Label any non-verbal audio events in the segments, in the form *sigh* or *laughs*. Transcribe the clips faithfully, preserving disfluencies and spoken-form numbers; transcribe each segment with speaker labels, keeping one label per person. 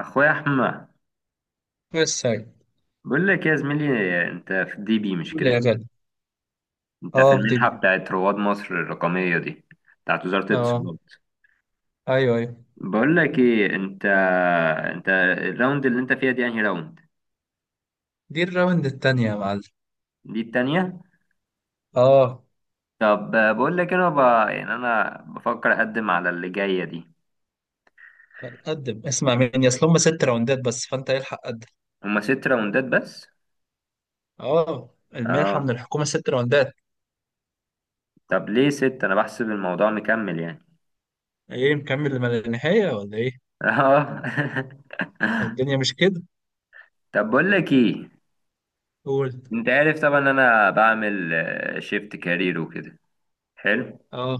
Speaker 1: اخويا احمد،
Speaker 2: بس هاي.
Speaker 1: بقول لك يا زميلي، انت في الدي بي مش
Speaker 2: قول لي يا
Speaker 1: كده؟
Speaker 2: غالي.
Speaker 1: انت في
Speaker 2: اه، في
Speaker 1: المنحه
Speaker 2: دبي.
Speaker 1: بتاعت رواد مصر الرقميه دي، بتاعت وزاره
Speaker 2: اه،
Speaker 1: الاتصالات.
Speaker 2: ايوه ايوه،
Speaker 1: بقول لك ايه انت، انت الراوند اللي انت فيها دي انهي راوند؟
Speaker 2: دي الراوند التانية يا معلم.
Speaker 1: دي التانية.
Speaker 2: اه.
Speaker 1: طب آه، بقول لك انا ب... يعني انا بفكر اقدم على اللي جايه دي.
Speaker 2: قدم، اسمع مني، اصل هم ست راوندات بس، فانت الحق قدم.
Speaker 1: هما ست راوندات بس؟
Speaker 2: اه، المنحة من
Speaker 1: اه.
Speaker 2: الحكومة ست راوندات.
Speaker 1: طب ليه ست؟ انا بحسب الموضوع مكمل يعني.
Speaker 2: ايه مكمل لما النهاية ولا ايه؟
Speaker 1: اه *laughs*
Speaker 2: الدنيا مش كده.
Speaker 1: طب بقول لك ايه،
Speaker 2: قول.
Speaker 1: انت عارف طبعا انا بعمل شيفت كارير وكده. حلو.
Speaker 2: اه.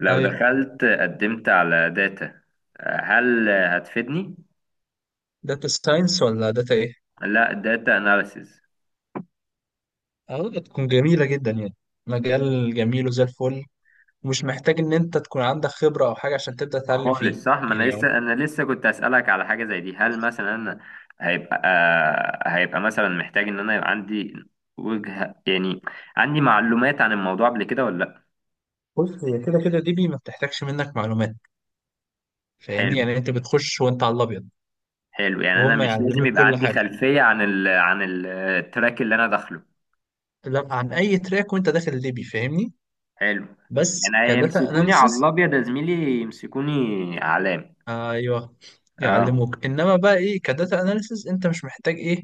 Speaker 1: لو
Speaker 2: ايوه.
Speaker 1: دخلت قدمت على داتا، هل هتفيدني؟
Speaker 2: داتا ساينس ولا داتا ايه؟
Speaker 1: لا، داتا اناليسز.
Speaker 2: اه، تكون جميلة جدا يعني. مجال جميل وزي الفل، ومش محتاج ان انت تكون عندك خبرة او حاجة عشان تبدأ تتعلم فيه.
Speaker 1: خالص صح، ما انا
Speaker 2: يعني اه.
Speaker 1: لسه، انا لسه كنت اسالك على حاجه زي دي. هل مثلا انا هيبقى، آه، هيبقى مثلا محتاج ان انا يبقى عندي وجهه يعني، عندي معلومات عن الموضوع قبل كده ولا لا؟
Speaker 2: بص، هي كده كده دي بي ما بتحتاجش منك معلومات. فاهمني،
Speaker 1: حلو.
Speaker 2: يعني انت بتخش وانت على الابيض.
Speaker 1: حلو، يعني انا
Speaker 2: وهم
Speaker 1: مش لازم
Speaker 2: يعلموك
Speaker 1: يبقى
Speaker 2: كل
Speaker 1: عندي
Speaker 2: حاجه.
Speaker 1: خلفيه عن ال عن ال- التراك اللي انا داخله.
Speaker 2: لا، عن اي تراك وانت داخل الليبي، فاهمني.
Speaker 1: حلو،
Speaker 2: بس
Speaker 1: يعني
Speaker 2: كداتا
Speaker 1: هيمسكوني على
Speaker 2: اناليسز.
Speaker 1: الابيض يا زميلي، يمسكوني علام.
Speaker 2: ايوه،
Speaker 1: اه.
Speaker 2: يعلموك. انما بقى ايه، كداتا اناليسز انت مش محتاج ايه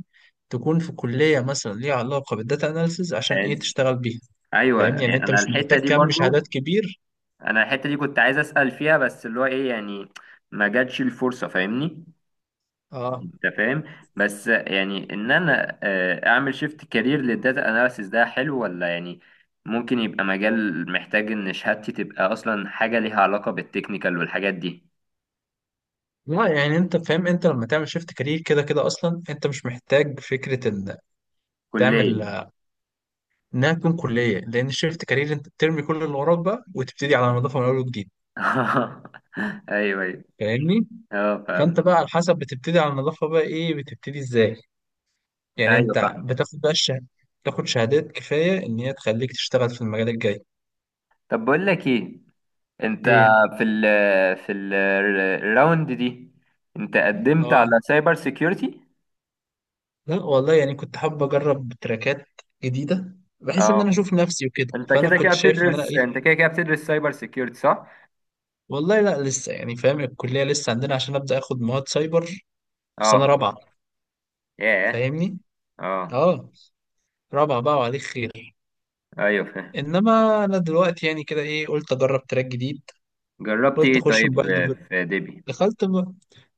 Speaker 2: تكون في كليه مثلا ليها علاقه بالداتا اناليسز عشان ايه
Speaker 1: حلو.
Speaker 2: تشتغل بيها.
Speaker 1: ايوه،
Speaker 2: فاهمني، يعني
Speaker 1: يعني
Speaker 2: انت
Speaker 1: انا
Speaker 2: مش
Speaker 1: الحته
Speaker 2: محتاج
Speaker 1: دي
Speaker 2: كم شهادات
Speaker 1: برضو،
Speaker 2: كبير.
Speaker 1: انا الحته دي كنت عايز اسال فيها، بس اللي هو ايه يعني، ما جاتش الفرصه، فاهمني.
Speaker 2: اه.
Speaker 1: انت فاهم. بس يعني ان انا آه، اعمل شيفت كارير للداتا اناليسيس، ده حلو ولا يعني ممكن يبقى مجال محتاج ان شهادتي تبقى اصلا حاجه ليها علاقه بالتكنيكال والحاجات دي؟
Speaker 2: لا، يعني انت فاهم، انت لما تعمل شيفت كارير كده كده اصلا انت مش محتاج فكره ان تعمل
Speaker 1: كليه.
Speaker 2: انها تكون كليه، لان الشيفت كارير انت بترمي كل اللي وراك بقى وتبتدي على نظافه من اول وجديد.
Speaker 1: *laughs* ايوه ايوه.
Speaker 2: فاهمني.
Speaker 1: اه فاهم.
Speaker 2: فانت بقى على حسب بتبتدي على نظافه، بقى ايه بتبتدي ازاي، يعني
Speaker 1: ايوه
Speaker 2: انت
Speaker 1: فاهم.
Speaker 2: بتاخد بقى الشهاده، تاخد شهادات كفايه ان هي تخليك تشتغل في المجال الجاي.
Speaker 1: طب بقول لك ايه، انت
Speaker 2: ايه.
Speaker 1: في ال، في ال، الراوند دي انت قدمت
Speaker 2: اه،
Speaker 1: على سايبر سيكيورتي.
Speaker 2: لا والله، يعني كنت حابب اجرب تراكات جديده، بحيث ان انا
Speaker 1: اه.
Speaker 2: اشوف نفسي وكده،
Speaker 1: انت
Speaker 2: فانا
Speaker 1: كده
Speaker 2: كنت
Speaker 1: كده
Speaker 2: شايف ان انا
Speaker 1: بتدرس،
Speaker 2: ايه.
Speaker 1: انت كده كده بتدرس سايبر سيكيورتي صح؟
Speaker 2: والله لا لسه، يعني فاهم الكليه لسه عندنا عشان ابدا اخد مواد سايبر في سنه
Speaker 1: اه.
Speaker 2: رابعه.
Speaker 1: ياه.
Speaker 2: فاهمني.
Speaker 1: اه.
Speaker 2: اه. رابعه بقى وعليك خير.
Speaker 1: ايوه فاهم.
Speaker 2: انما انا دلوقتي يعني كده ايه، قلت اجرب تراك جديد،
Speaker 1: جربت
Speaker 2: قلت
Speaker 1: ايه
Speaker 2: اخش
Speaker 1: طيب؟
Speaker 2: موبايل
Speaker 1: آه،
Speaker 2: ديفلوبر.
Speaker 1: في ديبي
Speaker 2: دخلت م-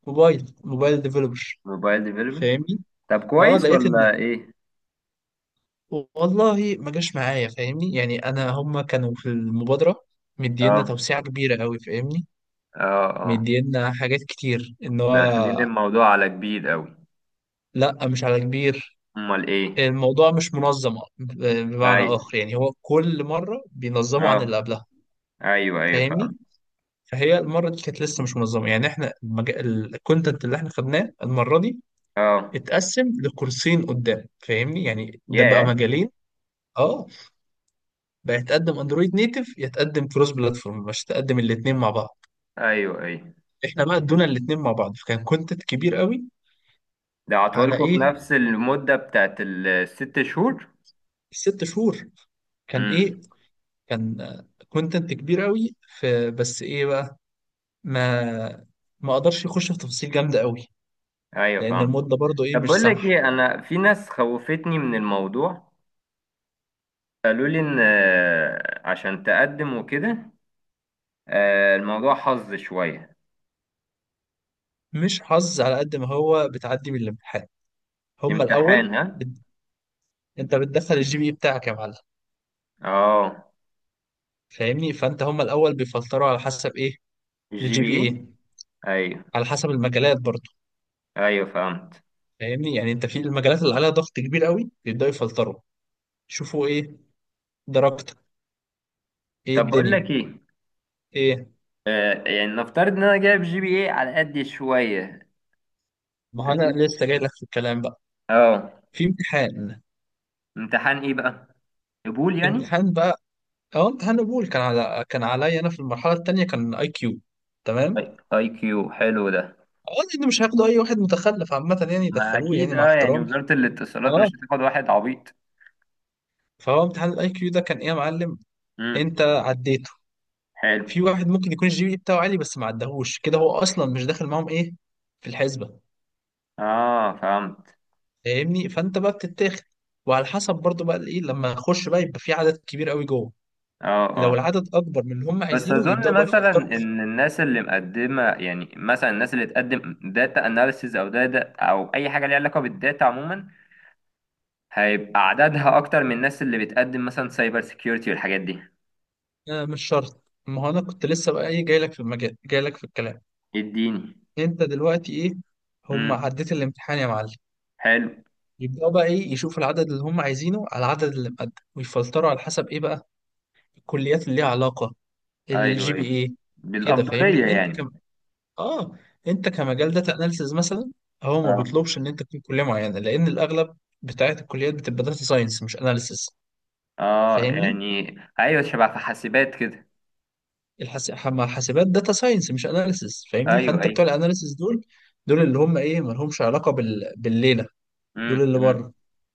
Speaker 2: موبايل موبايل ديفلوبر.
Speaker 1: موبايل ديفلوبر؟
Speaker 2: فاهمني.
Speaker 1: طب
Speaker 2: اه،
Speaker 1: كويس
Speaker 2: لقيت ان
Speaker 1: ولا ايه؟
Speaker 2: والله ما جاش معايا، فاهمني. يعني انا هما كانوا في المبادره مدينا
Speaker 1: اه.
Speaker 2: توسيعه كبيره قوي، فاهمني.
Speaker 1: اه. اه.
Speaker 2: مدينا حاجات كتير ان
Speaker 1: داخلين
Speaker 2: هو.
Speaker 1: الموضوع على كبير قوي.
Speaker 2: لا مش على كبير.
Speaker 1: امال ايه؟
Speaker 2: الموضوع مش منظم بمعنى
Speaker 1: اي.
Speaker 2: اخر، يعني هو كل مره بينظمه عن اللي
Speaker 1: اه.
Speaker 2: قبلها،
Speaker 1: ايوه ايوه فاهم.
Speaker 2: فاهمني. فهي المرة دي كانت لسه مش منظمة، يعني احنا المج... الكونتنت اللي احنا خدناه المرة دي
Speaker 1: اه.
Speaker 2: اتقسم لكورسين قدام، فاهمني، يعني ده بقى
Speaker 1: ياه.
Speaker 2: مجالين. اه. بقى يتقدم اندرويد نيتف، يتقدم كروس بلاتفورم، مش تقدم الاتنين مع بعض.
Speaker 1: ايوه ايوه.
Speaker 2: احنا بقى ادونا الاتنين مع بعض، فكان كونتنت كبير قوي.
Speaker 1: ده
Speaker 2: على
Speaker 1: عطولكوا في
Speaker 2: ايه،
Speaker 1: نفس المدة بتاعت الست شهور؟
Speaker 2: ست شهور. كان ايه،
Speaker 1: امم
Speaker 2: كان كونتنت كبير قوي، في بس ايه بقى، ما ما اقدرش يخش في تفاصيل جامدة قوي،
Speaker 1: ايوه
Speaker 2: لان
Speaker 1: فاهم.
Speaker 2: المدة برضو ايه
Speaker 1: طب
Speaker 2: مش
Speaker 1: بقول لك ايه،
Speaker 2: سامحة.
Speaker 1: انا في ناس خوفتني من الموضوع. قالوا لي ان آه، عشان تقدم وكده، آه، الموضوع حظ شوية.
Speaker 2: مش حظ على قد ما هو بتعدي من الامتحان. هم
Speaker 1: امتحان
Speaker 2: الاول
Speaker 1: ها؟
Speaker 2: بت... انت بتدخل الجي بي اي بتاعك يا معلم.
Speaker 1: اه.
Speaker 2: فاهمني، فانت هم الاول بيفلتروا على حسب ايه.
Speaker 1: الجي
Speaker 2: الجي
Speaker 1: بي
Speaker 2: بي
Speaker 1: ايه؟
Speaker 2: اي.
Speaker 1: ايوه.
Speaker 2: على حسب المجالات برضه.
Speaker 1: ايوه فهمت.
Speaker 2: فاهمني، يعني انت في المجالات اللي عليها ضغط كبير قوي بيبداوا يفلتروا، يشوفوا ايه درجتك، ايه
Speaker 1: طب بقول لك
Speaker 2: الدنيا.
Speaker 1: ايه،
Speaker 2: ايه.
Speaker 1: آه، يعني نفترض ان انا جايب جي بي ايه على قد شوية.
Speaker 2: ما هو انا لسه جاي لك في الكلام بقى.
Speaker 1: اه.
Speaker 2: في امتحان.
Speaker 1: امتحان ايه بقى؟ قبول يعني؟
Speaker 2: امتحان بقى، اه امتحان قبول، كان على كان عليا انا في المرحله الثانيه كان اي كيو. تمام.
Speaker 1: اي كيو حلو ده.
Speaker 2: اه، لان مش هياخدوا اي واحد متخلف عامه يعني
Speaker 1: ما
Speaker 2: يدخلوه،
Speaker 1: اكيد
Speaker 2: يعني مع
Speaker 1: اه، يعني
Speaker 2: احترامي.
Speaker 1: وزارة الاتصالات مش
Speaker 2: اه،
Speaker 1: هتاخد واحد عبيط.
Speaker 2: فهو امتحان الاي كيو ده كان ايه يا معلم،
Speaker 1: امم
Speaker 2: انت عديته.
Speaker 1: حلو.
Speaker 2: في واحد ممكن يكون الجي بي إيه بتاعه عالي بس ما عدهوش كده، هو اصلا مش داخل معاهم ايه في الحسبه.
Speaker 1: اه فهمت.
Speaker 2: فاهمني، فانت بقى بتتاخد. وعلى حسب برضو بقى ايه، لما اخش بقى يبقى في عدد كبير قوي جوه،
Speaker 1: اه
Speaker 2: لو
Speaker 1: اه.
Speaker 2: العدد اكبر من اللي هم
Speaker 1: بس
Speaker 2: عايزينه
Speaker 1: اظن
Speaker 2: يبداوا بقى
Speaker 1: مثلا
Speaker 2: يفلتروا.
Speaker 1: ان الناس اللي مقدمه، يعني مثلا الناس اللي تقدم داتا اناليسيز او داتا او اي حاجه ليها علاقه بالداتا عموما، هيبقى عددها اكتر من الناس اللي بتقدم مثلا سايبر سيكيورتي والحاجات دي.
Speaker 2: آه مش شرط، ما هو انا كنت لسه بقى ايه جاي لك في المجال، جاي لك في الكلام.
Speaker 1: اديني.
Speaker 2: انت دلوقتي ايه، هم
Speaker 1: امم.
Speaker 2: عديت الامتحان يا معلم،
Speaker 1: حلو.
Speaker 2: يبداوا بقى ايه يشوفوا العدد اللي هم عايزينه على العدد اللي مقدم، ويفلتروا على حسب ايه بقى الكليات اللي ليها علاقه،
Speaker 1: ايوه
Speaker 2: الجي بي
Speaker 1: ايوه.
Speaker 2: اي. كده
Speaker 1: بالافضليه
Speaker 2: فاهمني، انت
Speaker 1: يعني.
Speaker 2: كم، اه، انت كمجال داتا اناليسز مثلا، هو ما
Speaker 1: اه.
Speaker 2: بيطلبش ان انت تكون كليه معينه لان الاغلب بتاعت الكليات بتبقى داتا ساينس مش اناليسز.
Speaker 1: اه.
Speaker 2: فاهمني.
Speaker 1: يعني. ايوه، شبه في حاسبات كده.
Speaker 2: الحس... مع الحاسبات داتا ساينس مش اناليسز، فاهمني،
Speaker 1: ايوه
Speaker 2: فانت بتوع
Speaker 1: ايوه.
Speaker 2: الاناليسز دول، دول اللي هم ايه ما لهمش علاقه بال... بالليله،
Speaker 1: امم
Speaker 2: دول اللي
Speaker 1: امم.
Speaker 2: بره.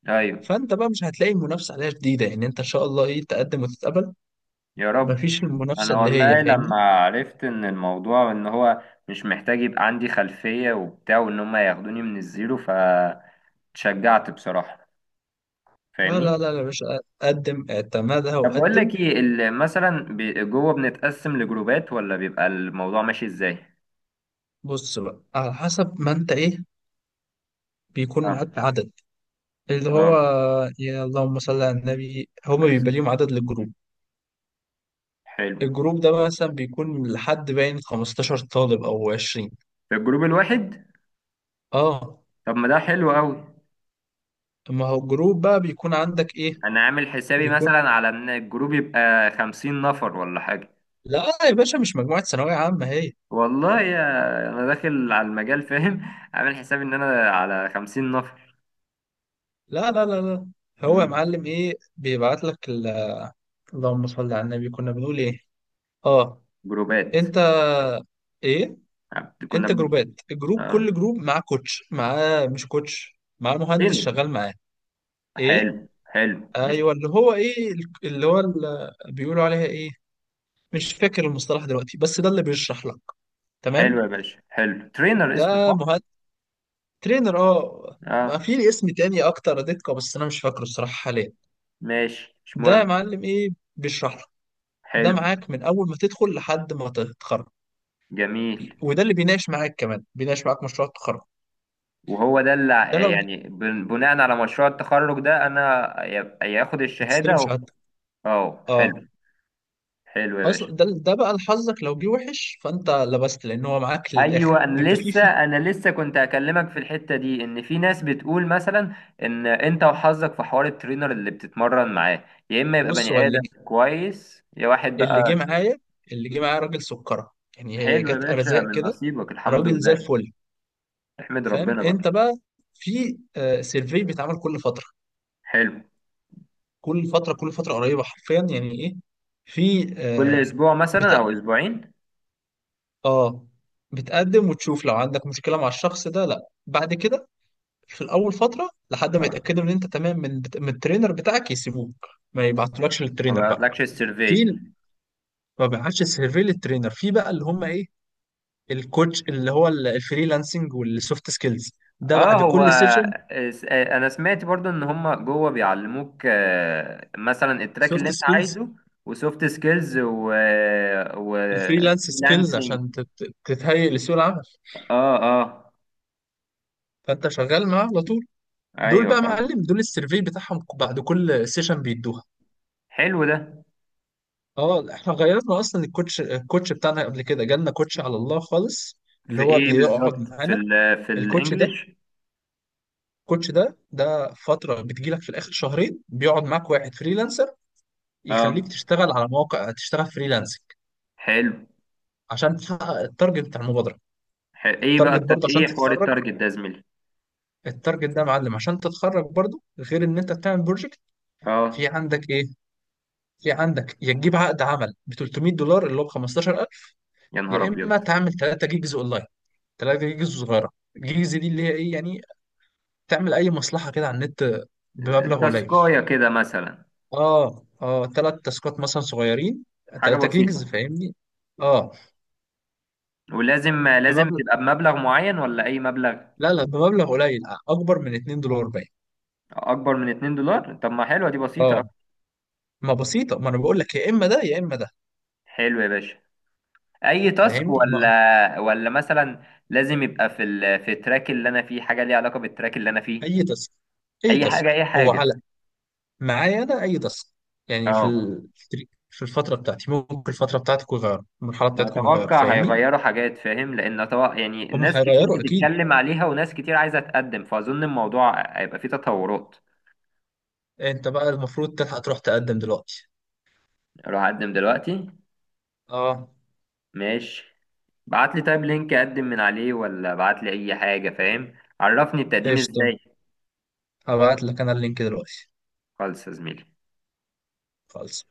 Speaker 1: ايوه.
Speaker 2: فانت بقى مش هتلاقي المنافسه عليها شديده، يعني انت ان شاء الله ايه تقدم وتتقبل،
Speaker 1: يا رب.
Speaker 2: مفيش المنافسه
Speaker 1: انا
Speaker 2: اللي هي،
Speaker 1: والله
Speaker 2: فاهمني.
Speaker 1: لما عرفت ان الموضوع ان هو مش محتاج يبقى عندي خلفية وبتاع، وان هم ياخدوني من الزيرو، فتشجعت بصراحة.
Speaker 2: لا لا
Speaker 1: فاهمني.
Speaker 2: لا يا باشا، قدم اعتمدها
Speaker 1: طب بقول
Speaker 2: وقدم.
Speaker 1: لك ايه، ال- مثلا بي- جوه بنتقسم لجروبات ولا بيبقى الموضوع ماشي ازاي؟
Speaker 2: بص بقى على حسب ما انت ايه، بيكون
Speaker 1: اه.
Speaker 2: معاك عدد. اللي هو
Speaker 1: اه.
Speaker 2: يا اللهم صل على النبي، هما
Speaker 1: بس.
Speaker 2: بيبقى ليهم عدد للجروب.
Speaker 1: حلو.
Speaker 2: الجروب ده مثلا بيكون لحد باين خمستاشر طالب او عشرين.
Speaker 1: في الجروب الواحد؟
Speaker 2: اه.
Speaker 1: طب ما ده حلو قوي.
Speaker 2: ما هو الجروب بقى بيكون عندك ايه،
Speaker 1: انا عامل حسابي
Speaker 2: بيكون،
Speaker 1: مثلا على ان الجروب يبقى خمسين نفر ولا حاجة.
Speaker 2: لا يا باشا مش مجموعة ثانوية عامة هي.
Speaker 1: والله يا، انا داخل على المجال فاهم *laughs* عامل حساب ان انا على خمسين نفر.
Speaker 2: لا لا لا لا. هو يا
Speaker 1: مم.
Speaker 2: معلم ايه بيبعت لك ال... اللهم صل على النبي، كنا بنقول ايه، اه،
Speaker 1: جروبات.
Speaker 2: انت، ايه،
Speaker 1: عب- كنا
Speaker 2: انت
Speaker 1: بن...
Speaker 2: جروبات، الجروب
Speaker 1: اه.
Speaker 2: كل جروب معاه كوتش، معاه، مش كوتش، معاه مهندس
Speaker 1: ترينر.
Speaker 2: شغال معاه. ايه.
Speaker 1: حلو حلو مش؟
Speaker 2: ايوه، اللي هو ايه، اللي هو اللي بيقولوا عليها ايه، مش فاكر المصطلح دلوقتي بس ده اللي بيشرح لك.
Speaker 1: حلو يا
Speaker 2: تمام.
Speaker 1: باشا، حلو ترينر
Speaker 2: ده
Speaker 1: اسمه صح؟
Speaker 2: مهندس. ترينر اه، ما
Speaker 1: اه.
Speaker 2: في اسم تاني اكتر دقة بس انا مش فاكره الصراحة حاليا.
Speaker 1: ماشي، مش
Speaker 2: ده يا
Speaker 1: مهم.
Speaker 2: معلم ايه بيشرح لك. ده
Speaker 1: حلو.
Speaker 2: معاك من اول ما تدخل لحد ما تتخرج.
Speaker 1: جميل.
Speaker 2: وده اللي بيناقش معاك، كمان بيناقش معاك مشروع التخرج.
Speaker 1: وهو ده اللي ع-
Speaker 2: ده لو
Speaker 1: يعني بن- بناء على مشروع التخرج ده انا يا- ياخد
Speaker 2: هتستلم
Speaker 1: الشهادة و...
Speaker 2: شهادتك.
Speaker 1: اه
Speaker 2: اه.
Speaker 1: حلو. حلو يا باشا.
Speaker 2: اصلا ده ده بقى لحظك، لو جه وحش فانت لبست، لان هو معاك للاخر
Speaker 1: ايوه، انا
Speaker 2: بيبقى فيه
Speaker 1: لسه،
Speaker 2: فيه
Speaker 1: انا لسه كنت هكلمك في الحته دي، ان في ناس بتقول مثلا ان انت وحظك في حوار الترينر اللي بتتمرن معاه، يا اما يبقى
Speaker 2: بص هو
Speaker 1: بني
Speaker 2: اللي
Speaker 1: ادم
Speaker 2: جه،
Speaker 1: كويس يا واحد بقى.
Speaker 2: اللي جه معايا اللي جه معايا راجل سكره، يعني هي
Speaker 1: حلو يا
Speaker 2: جت
Speaker 1: باشا،
Speaker 2: ارزاق
Speaker 1: من
Speaker 2: كده،
Speaker 1: نصيبك الحمد
Speaker 2: راجل زي
Speaker 1: لله.
Speaker 2: الفل.
Speaker 1: احمد
Speaker 2: فاهم
Speaker 1: ربنا
Speaker 2: انت
Speaker 1: بقى.
Speaker 2: بقى. في آه سيرفي بيتعمل كل فتره،
Speaker 1: حلو.
Speaker 2: كل فتره كل فتره قريبه حرفيا، يعني ايه، في
Speaker 1: كل
Speaker 2: آه
Speaker 1: اسبوع مثلا
Speaker 2: بتاع،
Speaker 1: او اسبوعين؟
Speaker 2: اه، بتقدم وتشوف لو عندك مشكله مع الشخص ده. لا بعد كده، في الاول فتره لحد ما
Speaker 1: آه،
Speaker 2: يتاكدوا ان انت تمام من من الترينر بتاعك يسيبوك. ما يبعتولكش
Speaker 1: ما
Speaker 2: للترينر بقى.
Speaker 1: بعتلكش
Speaker 2: في
Speaker 1: السيرفي.
Speaker 2: ال- ما بيعملش سيرفي للترينر، في بقى اللي هم ايه الكوتش اللي هو ال- الفريلانسنج والسوفت سكيلز. ده
Speaker 1: اه
Speaker 2: بعد
Speaker 1: هو.
Speaker 2: كل سيشن.
Speaker 1: س- آه، انا سمعت برضو ان هم جوه بيعلموك آه، مثلا التراك اللي
Speaker 2: سوفت
Speaker 1: انت
Speaker 2: سكيلز،
Speaker 1: عايزه وسوفت سكيلز و و
Speaker 2: الفريلانس سكيلز
Speaker 1: فريلانسنج.
Speaker 2: عشان تت- تتهيئ لسوق العمل.
Speaker 1: اه. اه.
Speaker 2: فانت شغال معاه على طول. دول
Speaker 1: ايوه
Speaker 2: بقى
Speaker 1: فاهم.
Speaker 2: معلم، دول السيرفي بتاعهم بعد كل سيشن بيدوها.
Speaker 1: حلو ده.
Speaker 2: اه، احنا غيرنا اصلا الكوتش، الكوتش بتاعنا قبل كده جالنا كوتش على الله خالص، اللي
Speaker 1: في
Speaker 2: هو
Speaker 1: ايه
Speaker 2: بيقعد
Speaker 1: بالظبط في
Speaker 2: معانا.
Speaker 1: ال في
Speaker 2: الكوتش ده،
Speaker 1: الانجليش؟
Speaker 2: الكوتش ده ده فترة بتجيلك في الاخر، شهرين بيقعد معاك واحد فريلانسر يخليك
Speaker 1: اه.
Speaker 2: تشتغل على مواقع، تشتغل فريلانسنج
Speaker 1: حلو.
Speaker 2: عشان تحقق التارجت بتاع المبادره.
Speaker 1: ح- ايه بقى
Speaker 2: التارجت
Speaker 1: الت-
Speaker 2: برضه عشان
Speaker 1: ايه حوار
Speaker 2: تتخرج.
Speaker 1: التارجت ده يا زميلي؟
Speaker 2: التارجت ده يا معلم عشان تتخرج برضه، غير ان انت بتعمل بروجكت. في
Speaker 1: اه.
Speaker 2: عندك ايه، في عندك يا تجيب عقد عمل ب تلتمية دولار اللي هو ب خمستاشر الف،
Speaker 1: يا نهار
Speaker 2: يا
Speaker 1: ابيض.
Speaker 2: اما تعمل ثلاث جيجز اونلاين، ثلاث جيجز صغيره. الجيجز دي اللي هي ايه يعني، تعمل اي مصلحه كده على النت بمبلغ قليل.
Speaker 1: تاسكايه كده مثلا؟
Speaker 2: اه، اه، ثلاث تاسكات مثلا صغيرين،
Speaker 1: حاجه
Speaker 2: ثلاث جيجز،
Speaker 1: بسيطه.
Speaker 2: فاهمني. اه،
Speaker 1: ولازم لازم
Speaker 2: بمبلغ،
Speaker 1: تبقى بمبلغ معين ولا اي مبلغ؟
Speaker 2: لا لا بمبلغ قليل، اكبر من اتنين دولار باين.
Speaker 1: اكبر من اتنين دولار؟ طب ما حلوه دي، بسيطه أوي.
Speaker 2: اه، ما بسيطه، ما انا بقول لك يا اما ده يا اما ده.
Speaker 1: حلو يا باشا. اي تاسك
Speaker 2: فاهمني، ما
Speaker 1: ولا ولا مثلا لازم يبقى في ال... في التراك اللي انا فيه حاجه ليها علاقه بالتراك اللي انا فيه؟
Speaker 2: اي تاسك، اي
Speaker 1: اي حاجه
Speaker 2: تاسك
Speaker 1: اي
Speaker 2: هو
Speaker 1: حاجه.
Speaker 2: على، معايا انا اي تاسك، يعني في
Speaker 1: اه.
Speaker 2: ال...، في الفتره بتاعتي ممكن، الفتره بتاعتكم يغيروا، المرحله بتاعتكم يغيروا،
Speaker 1: واتوقع
Speaker 2: فاهمني.
Speaker 1: هيغيروا حاجات فاهم، لان أتوقع يعني
Speaker 2: هم
Speaker 1: ناس كتير
Speaker 2: هيغيروا اكيد،
Speaker 1: بتتكلم عليها وناس كتير عايزه تقدم، فاظن الموضوع هيبقى فيه تطورات.
Speaker 2: انت بقى المفروض تلحق تروح تقدم دلوقتي.
Speaker 1: اروح اقدم دلوقتي؟
Speaker 2: اه
Speaker 1: ماشي. بعت لي طيب لينك اقدم من عليه ولا بعت لي اي حاجه، فاهم، عرفني التقديم
Speaker 2: قشطه،
Speaker 1: ازاي.
Speaker 2: هبعت لك انا اللينك دلوقتي.
Speaker 1: خالص يا زميلي.
Speaker 2: خالص.